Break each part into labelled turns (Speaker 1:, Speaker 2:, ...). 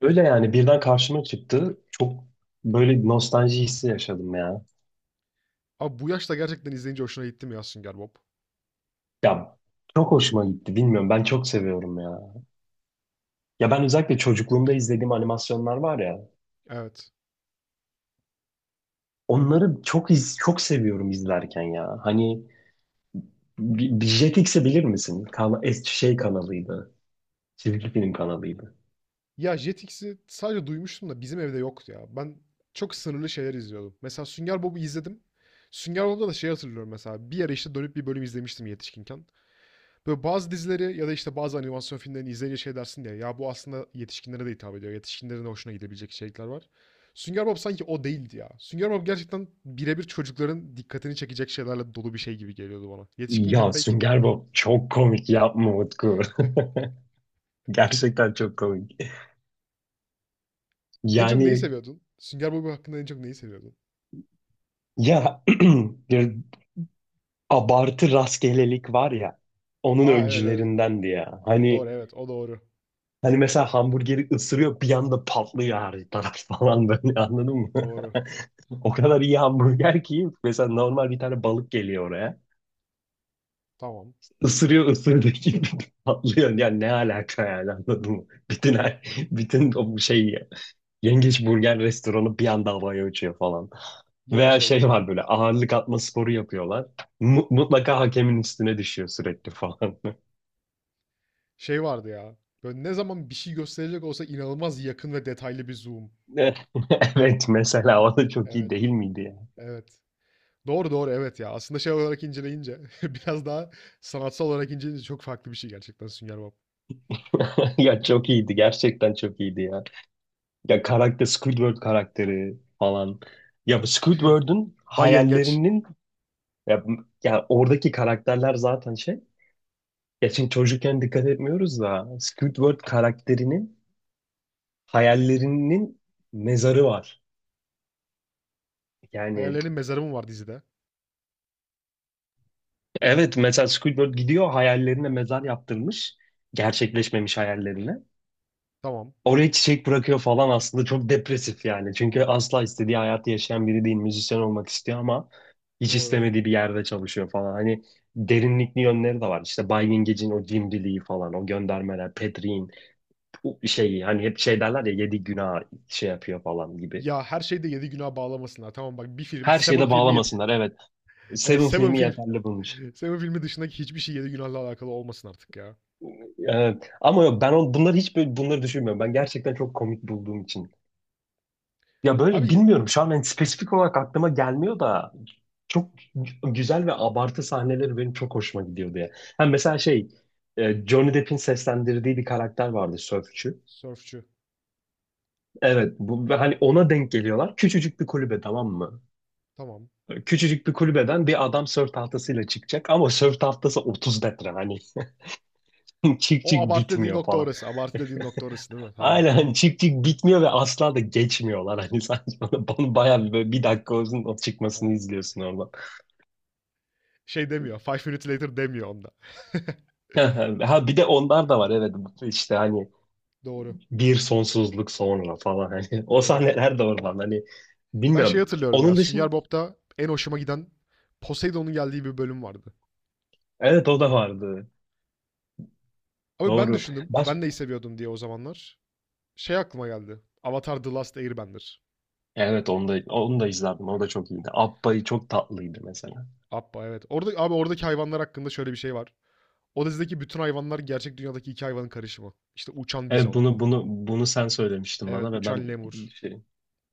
Speaker 1: Öyle yani birden karşıma çıktı. Çok böyle bir nostalji hissi yaşadım ya.
Speaker 2: Abi bu yaşta gerçekten izleyince hoşuna gitti mi ya Sünger Bob?
Speaker 1: Ya çok hoşuma gitti. Bilmiyorum ben çok seviyorum ya. Ya ben özellikle çocukluğumda izlediğim animasyonlar var ya.
Speaker 2: Evet.
Speaker 1: Çok seviyorum izlerken ya. Hani bir Jetix'i bilir misin? Şey kanalıydı. Çizgi film kanalıydı.
Speaker 2: Ya Jetix'i sadece duymuştum da bizim evde yoktu ya. Ben çok sınırlı şeyler izliyordum. Mesela Sünger Bob'u izledim. Sünger Bob'da da şey hatırlıyorum mesela. Bir ara işte dönüp bir bölüm izlemiştim yetişkinken. Böyle bazı dizileri ya da işte bazı animasyon filmlerini izleyince şey dersin diye. Ya bu aslında yetişkinlere de hitap ediyor. Yetişkinlerin de hoşuna gidebilecek içerikler var. Sünger Bob sanki o değildi ya. Sünger Bob gerçekten birebir çocukların dikkatini çekecek şeylerle dolu bir şey gibi geliyordu bana. Yetişkinken
Speaker 1: Ya
Speaker 2: pek.
Speaker 1: Sünger Bob çok komik, yapma Utku. Gerçekten çok komik.
Speaker 2: En çok neyi
Speaker 1: Yani
Speaker 2: seviyordun? Sünger Bob hakkında en çok neyi seviyordun?
Speaker 1: ya abartı rastgelelik var ya, onun
Speaker 2: Aa evet evet.
Speaker 1: öncülerindendi ya.
Speaker 2: Doğru
Speaker 1: Hani
Speaker 2: evet o doğru.
Speaker 1: hani mesela hamburgeri ısırıyor, bir anda patlıyor her taraf falan, böyle anladın mı?
Speaker 2: Doğru.
Speaker 1: O kadar iyi hamburger ki mesela, normal bir tane balık geliyor oraya.
Speaker 2: Tamam.
Speaker 1: Isırıyor, ısırdığı gibi patlıyor. Yani ne alaka yani, anladın mı? Bütün o şey, yengeç burger restoranı bir anda havaya uçuyor falan.
Speaker 2: Ya da
Speaker 1: Veya
Speaker 2: şey.
Speaker 1: şey var, böyle ağırlık atma sporu yapıyorlar. Mutlaka hakemin üstüne düşüyor sürekli falan.
Speaker 2: Şey vardı ya. Böyle ne zaman bir şey gösterecek olsa inanılmaz yakın ve detaylı bir zoom.
Speaker 1: Evet, mesela o da çok iyi
Speaker 2: Evet.
Speaker 1: değil miydi ya?
Speaker 2: Evet. Doğru doğru evet ya. Aslında şey olarak inceleyince biraz daha sanatsal olarak inceleyince çok farklı bir şey gerçekten Sünger Bob.
Speaker 1: Ya çok iyiydi, gerçekten çok iyiydi ya. Ya karakter, Squidward karakteri falan. Ya bu Squidward'un
Speaker 2: Bay Yengeç.
Speaker 1: hayallerinin ya, ya oradaki karakterler zaten şey. Ya şimdi çocukken dikkat etmiyoruz da Squidward karakterinin hayallerinin mezarı var. Yani
Speaker 2: Hayallerin mezarı mı var dizide?
Speaker 1: evet, mesela Squidward gidiyor, hayallerine mezar yaptırmış. Gerçekleşmemiş hayallerine.
Speaker 2: Tamam.
Speaker 1: Oraya çiçek bırakıyor falan, aslında çok depresif yani. Çünkü asla istediği hayatı yaşayan biri değil. Müzisyen olmak istiyor ama hiç
Speaker 2: Doğru.
Speaker 1: istemediği bir yerde çalışıyor falan. Hani derinlikli yönleri de var. İşte Bay Yengecin o cimriliği falan, o göndermeler, Petri'in bu şey hani hep şey derler ya yedi günah şey yapıyor falan gibi.
Speaker 2: Ya her şeyde yedi günah bağlamasınlar. Tamam bak bir film.
Speaker 1: Her
Speaker 2: Seven
Speaker 1: şeyle
Speaker 2: filmi yedi.
Speaker 1: bağlamasınlar, evet.
Speaker 2: Evet,
Speaker 1: Seven
Speaker 2: Seven
Speaker 1: filmi
Speaker 2: film.
Speaker 1: yeterli bunun için.
Speaker 2: Seven filmi dışındaki hiçbir şey yedi günahla alakalı olmasın artık ya.
Speaker 1: Evet. Ama yok ben bunları hiç böyle, bunları düşünmüyorum. Ben gerçekten çok komik bulduğum için. Ya
Speaker 2: Abi
Speaker 1: böyle
Speaker 2: y-
Speaker 1: bilmiyorum, şu an ben spesifik olarak aklıma gelmiyor da çok güzel ve abartı sahneleri benim çok hoşuma gidiyor diye. Hem mesela şey, Johnny Depp'in seslendirdiği bir karakter vardı, sörfçü.
Speaker 2: sörfçü.
Speaker 1: Evet bu, ve hani ona denk geliyorlar. Küçücük bir kulübe, tamam mı?
Speaker 2: Tamam.
Speaker 1: Küçücük bir kulübeden bir adam sörf tahtasıyla çıkacak ama sörf tahtası 30 metre, hani çık
Speaker 2: O
Speaker 1: çık
Speaker 2: abartı dediğin
Speaker 1: bitmiyor
Speaker 2: nokta
Speaker 1: falan.
Speaker 2: orası. Abartı dediğin nokta orası değil mi? Tamam.
Speaker 1: Aynen, hani çık çık bitmiyor ve asla da geçmiyorlar hani, sanki bana, bana bayağı bir, böyle bir dakika olsun o çıkmasını
Speaker 2: Evet.
Speaker 1: izliyorsun.
Speaker 2: Şey demiyor. Five minutes later demiyor onda.
Speaker 1: Ha bir de onlar da var, evet. Bu işte hani
Speaker 2: Doğru.
Speaker 1: bir sonsuzluk sonra falan hani, o
Speaker 2: Doğru.
Speaker 1: sahneler de oradan hani,
Speaker 2: Ben şey
Speaker 1: bilmiyorum.
Speaker 2: hatırlıyorum ya.
Speaker 1: Onun dışında
Speaker 2: Sünger Bob'da en hoşuma giden Poseidon'un geldiği bir bölüm vardı.
Speaker 1: evet, o da vardı.
Speaker 2: Abi ben
Speaker 1: Doğru.
Speaker 2: düşündüm.
Speaker 1: Baş
Speaker 2: Ben neyi seviyordum diye o zamanlar. Şey aklıma geldi. Avatar The Last Airbender.
Speaker 1: evet, onu da onu da izlerdim. O da çok iyiydi. Abba'yı çok tatlıydı mesela.
Speaker 2: Abba evet. Orada, abi oradaki hayvanlar hakkında şöyle bir şey var. O dizideki bütün hayvanlar gerçek dünyadaki iki hayvanın karışımı. İşte uçan
Speaker 1: Evet
Speaker 2: bizon.
Speaker 1: bunu sen söylemiştin
Speaker 2: Evet
Speaker 1: bana ve ben
Speaker 2: uçan lemur.
Speaker 1: şey,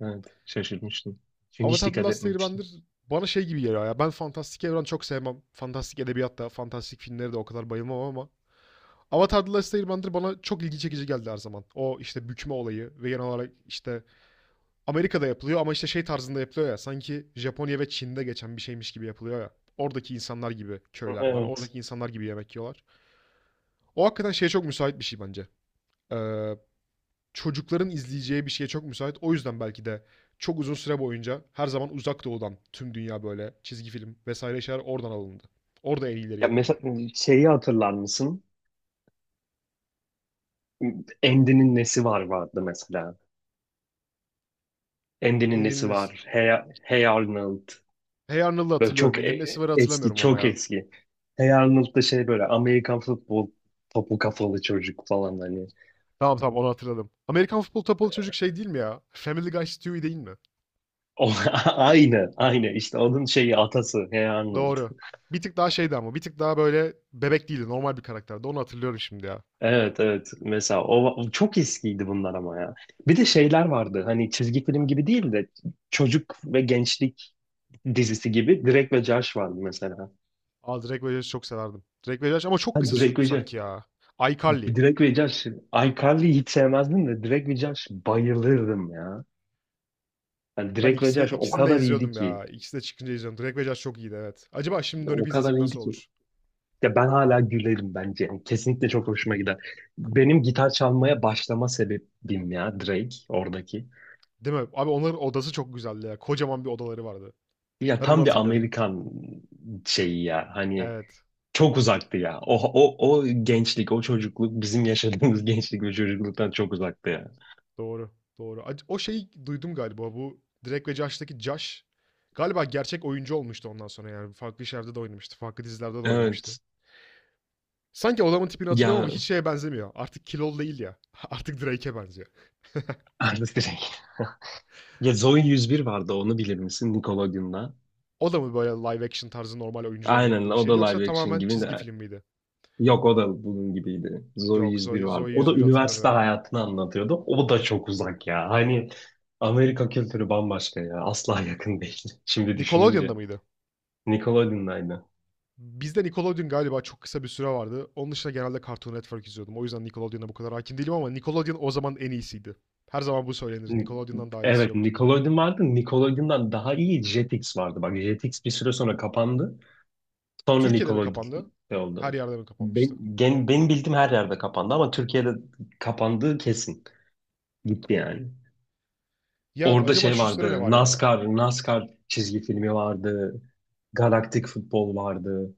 Speaker 1: evet şaşırmıştım. Çünkü hiç
Speaker 2: Avatar The
Speaker 1: dikkat
Speaker 2: Last
Speaker 1: etmemiştim.
Speaker 2: Airbender bana şey gibi geliyor ya. Ben fantastik evren çok sevmem. Fantastik edebiyat da, fantastik filmleri de o kadar bayılmam ama Avatar The Last Airbender bana çok ilgi çekici geldi her zaman. O işte bükme olayı ve genel olarak işte Amerika'da yapılıyor ama işte şey tarzında yapılıyor ya. Sanki Japonya ve Çin'de geçen bir şeymiş gibi yapılıyor ya. Oradaki insanlar gibi köyler var.
Speaker 1: Evet.
Speaker 2: Oradaki insanlar gibi yemek yiyorlar. O hakikaten şeye çok müsait bir şey bence. Ee, çocukların izleyeceği bir şeye çok müsait. O yüzden belki de çok uzun süre boyunca her zaman uzak doğudan tüm dünya böyle çizgi film vesaire şeyler oradan alındı. Orada en iyileri
Speaker 1: Ya
Speaker 2: yapıldı.
Speaker 1: mesela şeyi hatırlar mısın? Andy'nin nesi var vardı mesela. Endi'nin
Speaker 2: Ender'in
Speaker 1: nesi var?
Speaker 2: Es-
Speaker 1: Hey, Hey Arnold.
Speaker 2: Hey Arnold'u
Speaker 1: Böyle
Speaker 2: hatırlıyorum.
Speaker 1: çok
Speaker 2: Ender'in Esivar'ı
Speaker 1: eski,
Speaker 2: hatırlamıyorum ama
Speaker 1: çok
Speaker 2: ya.
Speaker 1: eski. Hey Arnold da şey böyle Amerikan futbol topu kafalı çocuk falan hani.
Speaker 2: Tamam tamam onu hatırladım. Amerikan Futbol Topal Çocuk şey değil mi ya? Family Guy Stewie değil mi?
Speaker 1: O, aynı, aynı. İşte onun şeyi atası Hey Arnold.
Speaker 2: Doğru. Bir tık daha şeydi ama bir tık daha böyle bebek değildi. Normal bir karakterdi. Onu hatırlıyorum şimdi ya.
Speaker 1: Evet, evet. Mesela o, o çok eskiydi bunlar ama ya. Bir de şeyler vardı. Hani çizgi film gibi değil de çocuk ve gençlik dizisi gibi, Drake ve Josh vardı mesela.
Speaker 2: Aa, Drake ve Josh'u çok severdim. Drake ve Josh ama çok
Speaker 1: Ha,
Speaker 2: kısa
Speaker 1: Drake
Speaker 2: sürdü
Speaker 1: ve
Speaker 2: sanki
Speaker 1: Josh.
Speaker 2: ya. iCarly.
Speaker 1: Drake ve Josh, iCarly'yi hiç sevmezdim de Drake ve Josh bayılırdım ya. Yani
Speaker 2: Ben
Speaker 1: Drake ve
Speaker 2: ikisi de
Speaker 1: Josh o
Speaker 2: ikisini de
Speaker 1: kadar iyiydi
Speaker 2: izliyordum
Speaker 1: ki,
Speaker 2: ya. İkisi de çıkınca izliyordum. Drake ve Josh çok iyiydi evet. Acaba şimdi dönüp
Speaker 1: o kadar
Speaker 2: izlesek
Speaker 1: iyiydi
Speaker 2: nasıl
Speaker 1: ki.
Speaker 2: olur?
Speaker 1: Ya ben hala gülerim bence. Yani kesinlikle çok hoşuma gider. Benim gitar çalmaya başlama sebebim ya Drake oradaki.
Speaker 2: Değil mi? Abi onların odası çok güzeldi ya. Kocaman bir odaları vardı.
Speaker 1: Ya
Speaker 2: Ben onu
Speaker 1: tam bir
Speaker 2: hatırlıyorum.
Speaker 1: Amerikan şeyi ya. Hani
Speaker 2: Evet.
Speaker 1: çok uzaktı ya. O, o, o gençlik, o çocukluk bizim yaşadığımız gençlik ve çocukluktan çok uzaktı ya.
Speaker 2: Doğru. Doğru. O şeyi duydum galiba bu Drake ve Josh'taki Josh galiba gerçek oyuncu olmuştu ondan sonra yani farklı işlerde de oynamıştı. Farklı dizilerde de oynamıştı.
Speaker 1: Evet.
Speaker 2: Sanki adamın tipini hatırlıyorum ama hiç
Speaker 1: Ya
Speaker 2: şeye benzemiyor. Artık kilolu değil ya. Artık Drake'e benziyor.
Speaker 1: artist. Ya Zoey yüz bir vardı, onu bilir misin Nickelodeon'da?
Speaker 2: O da mı böyle live action tarzı normal oyuncudan
Speaker 1: Aynen,
Speaker 2: oynadığı bir
Speaker 1: o da
Speaker 2: şeydi yoksa
Speaker 1: live action
Speaker 2: tamamen
Speaker 1: gibi
Speaker 2: çizgi
Speaker 1: de.
Speaker 2: film miydi?
Speaker 1: Yok o da bunun gibiydi. Zoey
Speaker 2: Yok
Speaker 1: yüz bir
Speaker 2: Zoe,
Speaker 1: vardı.
Speaker 2: Zoe
Speaker 1: O da
Speaker 2: 101
Speaker 1: üniversite
Speaker 2: hatırlamıyorum.
Speaker 1: hayatını anlatıyordu. O da çok uzak ya. Hani Amerika kültürü bambaşka ya. Asla yakın değil. Şimdi
Speaker 2: Nickelodeon'da
Speaker 1: düşününce.
Speaker 2: mıydı?
Speaker 1: Nickelodeon'daydı.
Speaker 2: Bizde Nickelodeon galiba çok kısa bir süre vardı. Onun dışında genelde Cartoon Network izliyordum. O yüzden Nickelodeon'a bu kadar hakim değilim ama Nickelodeon o zaman en iyisiydi. Her zaman bu söylenir.
Speaker 1: Ni-
Speaker 2: Nickelodeon'dan daha iyisi
Speaker 1: Evet
Speaker 2: yoktu diye.
Speaker 1: Nickelodeon vardı. Nickelodeon'dan daha iyi Jetix vardı. Bak Jetix bir süre sonra kapandı. Sonra
Speaker 2: Türkiye'de mi kapandı?
Speaker 1: Nickelodeon
Speaker 2: Her
Speaker 1: oldu.
Speaker 2: yerde mi kapanmıştı?
Speaker 1: Benim bildiğim her yerde kapandı, ama Türkiye'de kapandığı kesin. Gitti yani.
Speaker 2: Ya
Speaker 1: Orada
Speaker 2: acaba
Speaker 1: şey
Speaker 2: şu sıra ne
Speaker 1: vardı.
Speaker 2: var ya?
Speaker 1: NASCAR, NASCAR çizgi filmi vardı. Galaktik futbol vardı.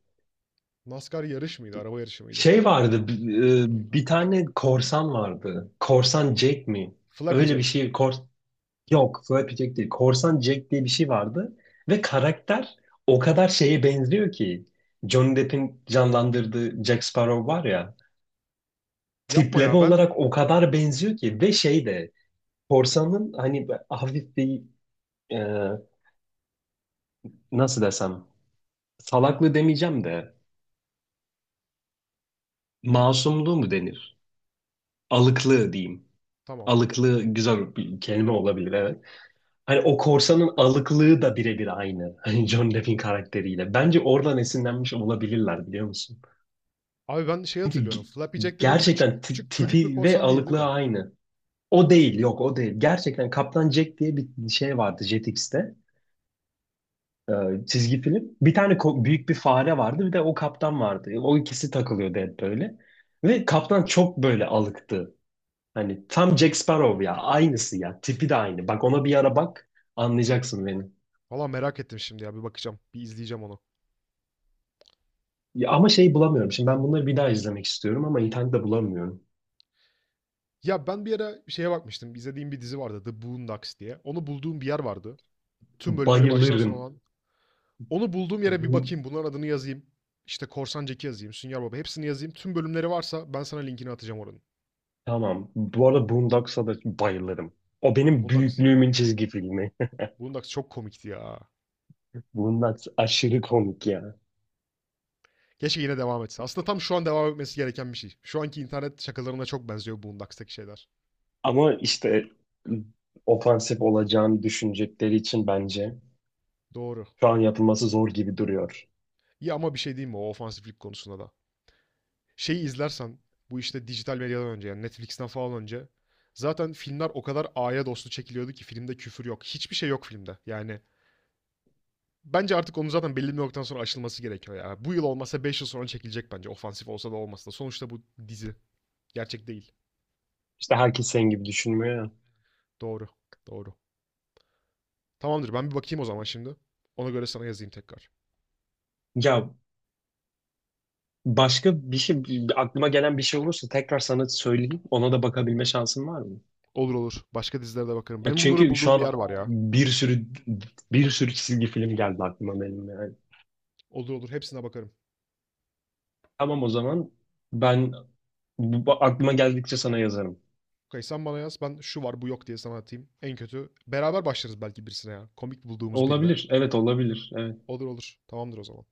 Speaker 2: NASCAR yarış mıydı? Araba yarışı mıydı?
Speaker 1: Şey vardı. Bir tane korsan vardı. Korsan Jack mi?
Speaker 2: Flappy
Speaker 1: Öyle bir
Speaker 2: Jack.
Speaker 1: şey. Yok, Flappy Jack değil. Korsan Jack diye bir şey vardı. Ve karakter o kadar şeye benziyor ki. Johnny Depp'in canlandırdığı Jack Sparrow var ya.
Speaker 2: Yapma
Speaker 1: Tipleme
Speaker 2: ya ben.
Speaker 1: olarak o kadar benziyor ki. Ve şey de. Korsanın hani hafif bir, e, nasıl desem, salaklığı demeyeceğim de masumluğu mu denir? Alıklığı diyeyim.
Speaker 2: Tamam.
Speaker 1: Alıklığı güzel bir kelime olabilir, evet. Hani o korsanın alıklığı da birebir aynı. Hani John Depp'in karakteriyle. Bence oradan esinlenmiş olabilirler, biliyor musun?
Speaker 2: Abi ben şey
Speaker 1: Çünkü
Speaker 2: hatırlıyorum. Flappy Jack dediğim küçük
Speaker 1: gerçekten
Speaker 2: küçük çocuk bir
Speaker 1: tipi ve
Speaker 2: korsan değil değil
Speaker 1: alıklığı
Speaker 2: mi?
Speaker 1: aynı. O değil, yok o değil. Gerçekten Kaptan Jack diye bir şey vardı Jetix'te. e, Çizgi film. Bir tane büyük bir fare vardı, bir de o kaptan vardı. O ikisi takılıyordu hep böyle. Ve kaptan çok böyle alıktı. Hani tam Jack Sparrow ya. Aynısı ya. Tipi de aynı. Bak ona bir ara bak. Anlayacaksın beni.
Speaker 2: Valla merak ettim şimdi ya bir bakacağım. Bir izleyeceğim onu.
Speaker 1: Ya ama şey bulamıyorum. Şimdi ben bunları bir daha izlemek istiyorum ama internette bulamıyorum.
Speaker 2: Ya ben bir ara şeye bakmıştım. İzlediğim bir dizi vardı. The Boondocks diye. Onu bulduğum bir yer vardı. Tüm bölümleri baştan sona
Speaker 1: Bayılırım.
Speaker 2: olan. Onu bulduğum yere bir
Speaker 1: Bu,
Speaker 2: bakayım. Bunların adını yazayım. İşte Korsan Jack'i yazayım. Sünger Baba hepsini yazayım. Tüm bölümleri varsa ben sana linkini atacağım oranın.
Speaker 1: tamam. Bu arada Boondocks'a da bayılırım. O benim
Speaker 2: Bundax,
Speaker 1: büyüklüğümün çizgi filmi.
Speaker 2: Bundax çok komikti ya.
Speaker 1: Boondocks aşırı komik ya.
Speaker 2: Keşke yine devam etse. Aslında tam şu an devam etmesi gereken bir şey. Şu anki internet şakalarına çok benziyor Boondocks'taki şeyler.
Speaker 1: Ama işte ofansif olacağını düşünecekleri için bence
Speaker 2: Doğru.
Speaker 1: şu an yapılması zor gibi duruyor.
Speaker 2: İyi ama bir şey diyeyim mi o ofansiflik konusunda da. Şeyi izlersen bu işte dijital medyadan önce yani Netflix'ten falan önce zaten filmler o kadar aya dostu çekiliyordu ki filmde küfür yok. Hiçbir şey yok filmde. Yani bence artık onun zaten belli bir noktadan sonra aşılması gerekiyor ya. Bu yıl olmasa 5 yıl sonra çekilecek bence. Ofansif olsa da olmasa da. Sonuçta bu dizi. Gerçek değil.
Speaker 1: İşte herkes senin gibi düşünmüyor ya.
Speaker 2: Doğru. Doğru. Tamamdır ben bir bakayım o zaman şimdi. Ona göre sana yazayım tekrar.
Speaker 1: Ya başka bir şey, aklıma gelen bir şey olursa tekrar sana söyleyeyim. Ona da bakabilme şansın var mı?
Speaker 2: Olur olur. Başka dizilere de bakarım.
Speaker 1: Ya
Speaker 2: Benim bunları
Speaker 1: çünkü şu
Speaker 2: bulduğum bir
Speaker 1: an
Speaker 2: yer var ya.
Speaker 1: bir sürü bir sürü çizgi film geldi aklıma benim yani.
Speaker 2: Olur olur. Hepsine bakarım.
Speaker 1: Tamam o zaman ben aklıma geldikçe sana yazarım.
Speaker 2: Okay, sen bana yaz. Ben şu var bu yok diye sana atayım. En kötü. Beraber başlarız belki birisine ya. Komik bulduğumuz birine.
Speaker 1: Olabilir. Evet olabilir. Evet.
Speaker 2: Olur olur. Tamamdır o zaman.